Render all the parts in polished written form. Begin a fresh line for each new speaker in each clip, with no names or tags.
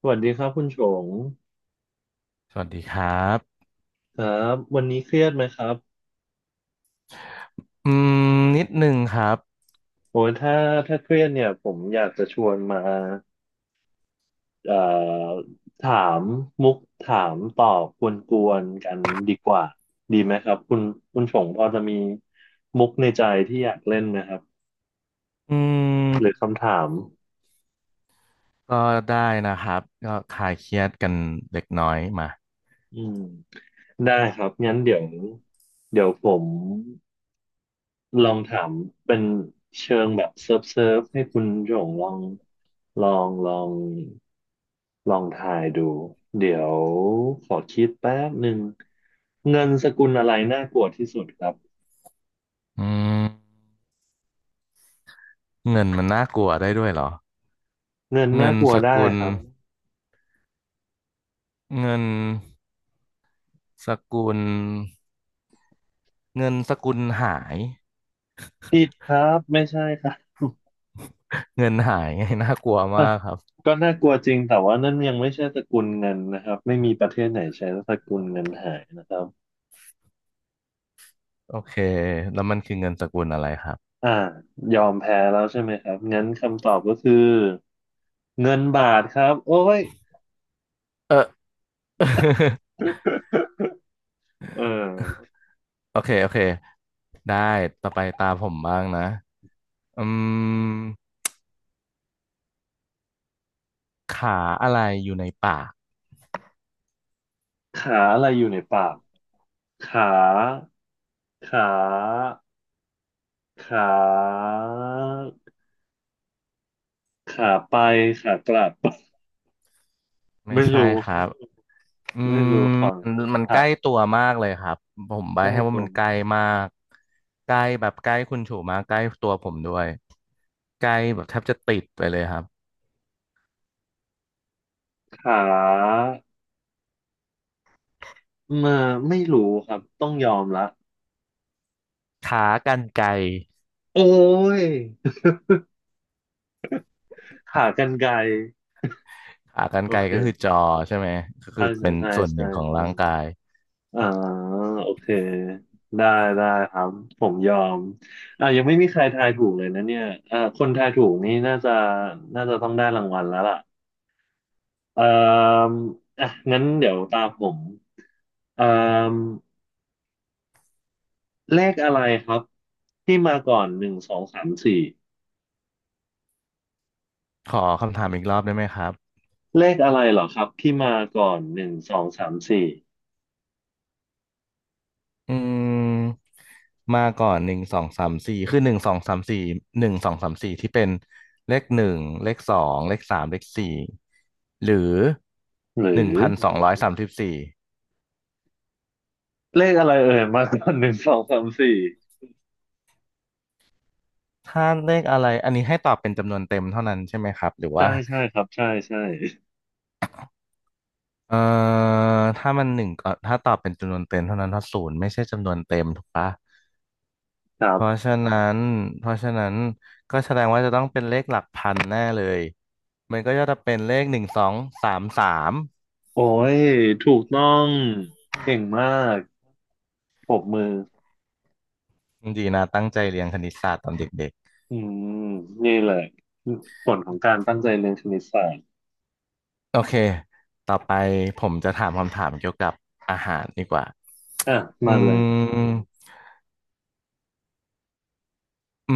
สวัสดีครับคุณชง
สวัสดีครับ
ครับวันนี้เครียดไหมครับ
อืมนิดนึงครับ
โอ้ยถ้าเครียดเนี่ยผมอยากจะชวนมาเอ่อถามมุกถามตอบกวนๆกันดีกว่าดีไหมครับคุณชงพอจะมีมุกในใจที่อยากเล่นไหมครับ
อืม
หรือคำถาม
ก็ได้นะครับก็คลายเครียดกันเล็กน้อยมา
อืมได้ครับงั้นเดี๋ยวผม ลองถามเป็นเชิงแบบเซิร์ฟเซิร์ฟให้คุณหยงลองลองลองทายดูเดี๋ยวขอคิดแป๊บหนึ่งเงินสกุลอะไรน่ากลัวที่สุดครับ
อืมเงินมันน่ากลัวได้ด้วยเหรอ
เงิน
เงิ
น่า
น
กลัว
ส
ได้
กุล
ครับ
เงินสกุล เงินสกุลหาย
ผิดครับไม่ใช่ครับ
เงินหายไงน่ากลัวมากครับ
ก็น่ากลัวจริงแต่ว่านั่นยังไม่ใช่สกุลเงินนะครับไม่มีประเทศไหนใช้สกุลเงินหายนะครับ
โอเคแล้วมันคือเงินสกุลอะไรครับ
อ่ายอมแพ้แล้วใช่ไหมครับงั้นคำตอบก็คือเงินบาทครับโอ้ย
เออ
เออ
โอเคโอเคได้ต่อไปตาผมบ้างนะอืมขาอะไรอยู่ในป่าก
ขาอะไรอยู่ในปากขาขาขาขาไปขากลับ
ไม่
ไม่
ใช่
รู้
ครับอื
ไม่รู้
ม
ของ
มันใก
ขา
ล้ตัวมากเลยครับ ผมใบ
ใกล้
ให้ว่า
ตัว
มันใก
มั้ย
ล้มากใกล้แบบใกล้คุณฉูมากใกล้ตัวผมด้วยใกล้แบบแทบจะติดไปเลยครับ
ขามาไม่รู้ครับต้องยอมละ
ขากรรไกร
โอ้ย ขากรรไกร
ขากรร
โอ
ไกร
เค
ก็คือจอใช่ไหมก็คื
ใช่
อ
ใช่
เป็น
ใช่
ส่วนห
ใช่
นึ่งของ
ใช่
ร่างกาย
อ่าโอเคได้ได้ครับผมยอมยังไม่มีใครทายถูกเลยนะเนี่ยคนทายถูกนี่น่าจะต้องได้รางวัลแล้วล่ะ เอ่ออ่ะงั้นเดี๋ยวตามผมเอ่อเลขอะไรครับที่มาก่อนหนึ่งสองสามสี่
ขอคำถามอีกรอบได้ไหมครับ
เลขอะไรเหรอครับที่มาก่อนหนึ่งสองสามสี่
อืม มาก่อนหนึ่งสองสามสี่คือหนึ่งสองสามสี่หนึ่งสองสามสี่ที่เป็นเลขหนึ่งเลขสองเลขสามเลขสี่หรือ
หรื
หนึ่ง
อ
พันสองร้อยสามสิบสี่
เลขอะไรเอ่ยมาก่อนหนึ่งสองสามสี่
ถ้าเลขอะไรอันนี้ให้ตอบเป็นจำนวนเต็มเท่านั้นใช่ไหมครับหรือ
ใช่
ว่า
ใช่ครับใช่ใช่
เอ่อถ้ามันหนึ่งก็ถ้าตอบเป็นจำนวนเต็มเท่านั้นถ้าศูนย์ไม่ใช่จำนวนเต็มถูกปะ
ครั
เพราะ
บ
ฉะนั้นเพราะฉะนั้นก็แสดงว่าจะต้องเป็นเลขหลักพันแน่เลยมันก็จะเป็นเลขหนึ่งสองสามสาม
โอ้ยถูกต้องเก่งมากปรบมือ
ดีนะตั้งใจเรียนคณิตศาสตร์ตอนเด็ก
อืมนี่แหละผลของการตั้งใจเรียนคณิตศาสตร์
ๆโอเคต่อไปผมจะถามคำถามเกี่ยวกับอาหารดีกว่า
อ่ะ
อื
มาเลย
มอื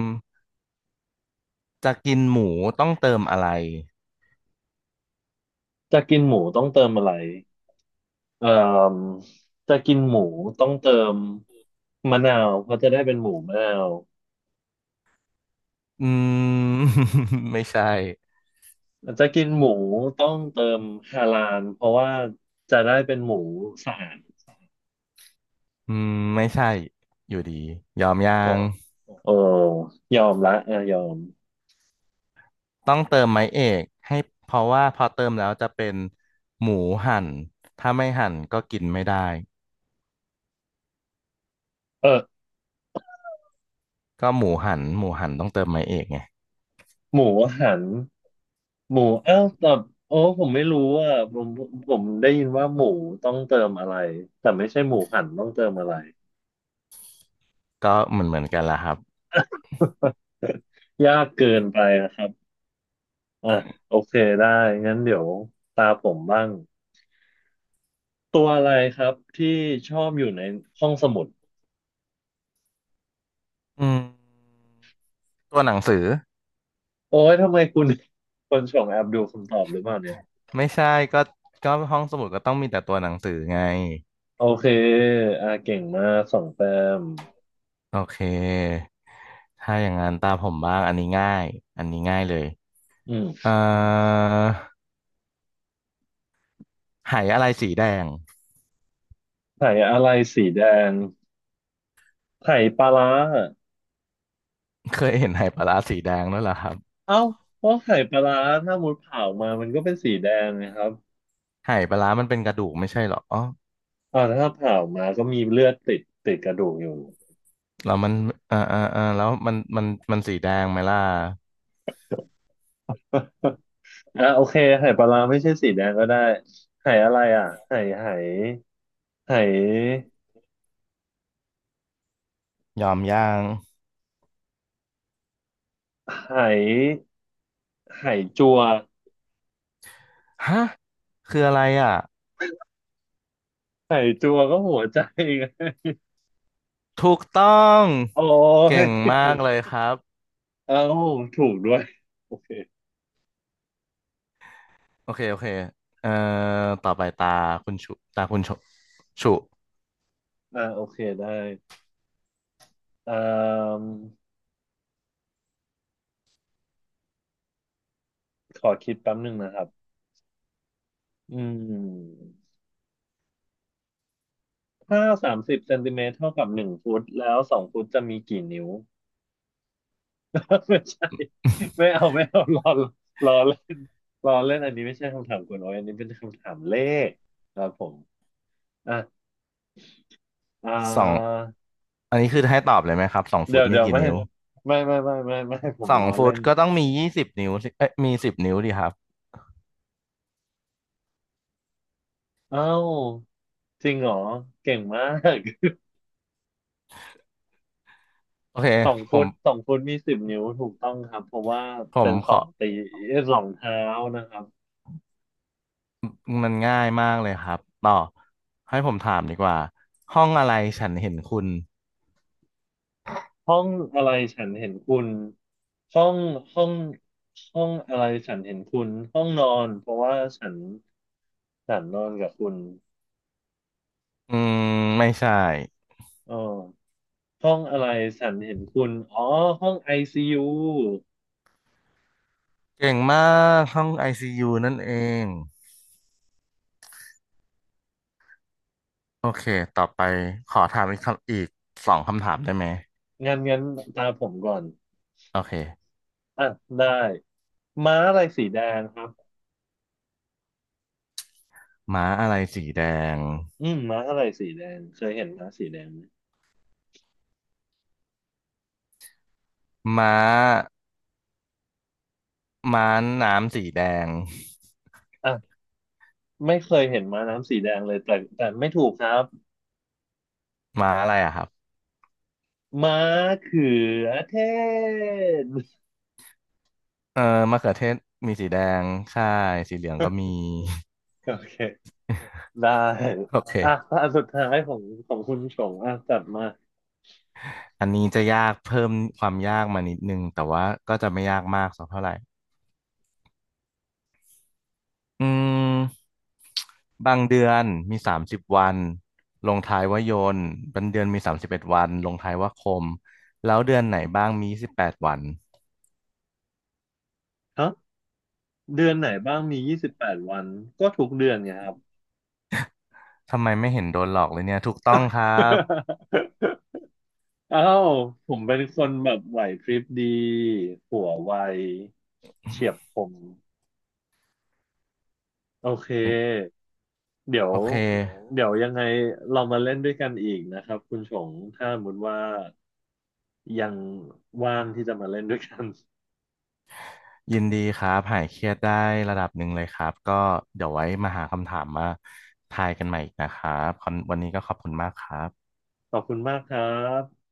มจะกินหมูต้องเติมอะไร
จะกินหมูต้องเติมอะไร เอ่อจะกินหมูต้องเติมมะนาวเพราะจะได้เป็นหมูมะนาว
อืม ไม่ใช่
จะกินหมูต้องเติมฮาลาลเพราะว่าจะได้เป็นหมูสะอาด
อืมไม่ใช่อยู่ดียอมยั
อ๋อ
ง
โอ้ยอมละอ่ะยอม
ต้องเติมไม้เอกให้เพราะว่าพอเติมแล้วจะเป็นหมูหั่นถ้าไม่หั่นก็กินไม่ได้
เออ
ก็หมูหั่นหมูหั่นต้องเติมไม้เอกไง
หมูหันหมูเอ้าแต่โอ้ผมไม่รู้อ่ะผมได้ยินว่าหมูต้องเติมอะไรแต่ไม่ใช่หมูหันต้องเติมอะไร
ก็เหมือนกันละครับ
ยากเกินไปนะครับอ่ะโอเคได้งั้นเดี๋ยวตาผมบ้าง ตัวอะไรครับที่ชอบอยู่ในห้องสมุด
อืม ตัวหนังสือ
โอ้ยทำไมคุณ คนส่งแอบดูคำตอบหรือเปล่าเนี่ย
ไม่ใช่ก็ก็ห้องสมุดก็ต้องมีแต่ตัวหนังสือไง
โอเคเก่งมากสองแต้ม
โอเคถ้าอย่างนั้นตามผมบ้างอันนี้ง่ายอันนี้ง่ายเลย
อืม
เอ่อไหอะไรสีแดง
ไข่อะไรสีแดงไข่ปลาร้า
เคยเห็นไหปลาร้าสีแดงด้วยเหรอครับ
เอ้าเพราะไข่ปลาร้าถ้ามุดเผามามันก็เป็นสีแดงนะครับ
ไหปลาร้ามันเป็นกระดูกไม่ใช่เหรอ
ถ้าเผามาก็มีเลือดติดติดกระดูกอยู่
แล้วมันเออเออเออแล้วมันมันมันสีแดงไหมล่ะ
โอเคไข่ปลาร้าไม่ใช่สีแดงก็ได้ไข่อะไรอ่ะไข่ไข่ไข่
ยอมย่าง
ไข่ไข่จัว
ฮะคืออะไรอ่ะ
ไข่จัวก็หัวใจไง
ถูกต้อง
โอ้
เก่ง
ย
มากเลยครับ
เอ้าถูกด้วย โอเค
โอเคโอเคเอ่อต่อไปตาคุณชุ
โอเคได้อ่ามขอคิดแป๊บหนึ่งนะครับอืมถ้า30 เซนติเมตรเท่ากับ1 ฟุตแล้วสองฟุตจะมีกี่นิ้ว ไม่ใช่ ไม่เอาไม่เอารอรอเล่นรอเล่นอันนี้ไม่ใช่คำถามคุณโอ้อยอันนี้เป็นคำถามเลขครับผมอ่ะอ่า
สองอันนี้คือให้ตอบเลยไหมครับสองฟุ
เดี๋ย
ต
ว
มี
เดี๋ยว
กี่
ไม่
นิ้ว
ไม่ไม่ไม่ไม่ไม่ผม
สอง
ล้อ
ฟุ
เล่
ต
น
ก็ต้องมี20 นิ้วสิเอ้ยมีสิบนิ้วดีครับ
เอ้า จริงเหรอเก่งมาก
โอเค
สอง
ผ
ฟุ
ม
ตสองฟุตมี10 นิ้วถูกต้องครับเพราะว่า
ผ
เป็
ม
นส
ข
อ
อ
งตีสองเท้านะครับ
มันง่ายมากเลยครับ ต่อให้ผมถามดีกว่า ห้องอะไรฉันเห็นคุณ
ห้องอะไรฉันเห็นคุณห้องห้องห้องอะไรฉันเห็นคุณห้องนอนเพราะว่าฉันนอนกับคุณ
อืมไม่ใช่
เออห้องอะไรฉันเห็นคุณอ๋อห้องไอซียู
เก่งมากห้องไอซียูนั่นเอง โอเคต่อไปขอถามอีกคำอีกสองคำถามได้ไหม
งั้นตาผมก่อน
โอเค
อ่ะได้ม้าอะไรสีแดงครับ
ม้าอะไรสีแดง
อืมม้าอะไรสีแดงเคยเห็นม้าสีแดงไหม
ม้าม้าน้ำสีแดง
อ่ะ ไม่เคยเห็นม้าน้ำสีแดงเลยแต่ไม่ถูกครับ
ม้าอะไรอะครับ
ม้าเขือเทศ
เออมะเขือเทศมีสีแดงใช่สีเหลืองก็มี
โอเคได้
โอ
อ่ะ
เค
อันสุดท้ายของคุณชงอ่ะจัดมา
อันนี้จะยากเพิ่มความยากมานิดนึงแต่ว่าก็จะไม่ยากมากสักเท่าไหร่อืมบางเดือนมี30 วันลงท้ายว่ายนต์บางเดือนมี31 วันลงท้ายว่าคมแล้วเดือนไหนบ้างมี18 วัน
ครับเดือนไหนบ้างมี28 วันก็ทุกเดือนไงครับ
ทำไมไม่เห็นโดนหลอกเลยเนี่ยถูกต้องครับ
อ้าวผมเป็นคนแบบไหวพริบดีหัวไวเฉียบคมโอเค
เป็น
เดี๋ยว
โอเค
เดี๋ยวยังไงเรามาเล่นด้วยกันอีกนะครับคุณชงถ้าสมมติว่า ยังว่างที่จะมาเล่นด้วยกัน
ยินดีครับหายเครียดได้ระดับหนึ่งเลยครับก็เดี๋ยวไว้มาหาคำถามมาทายกันใหม่อีกนะครับคอนวันนี้ก็ขอบคุณมากครับ
ขอบคุณมากครับ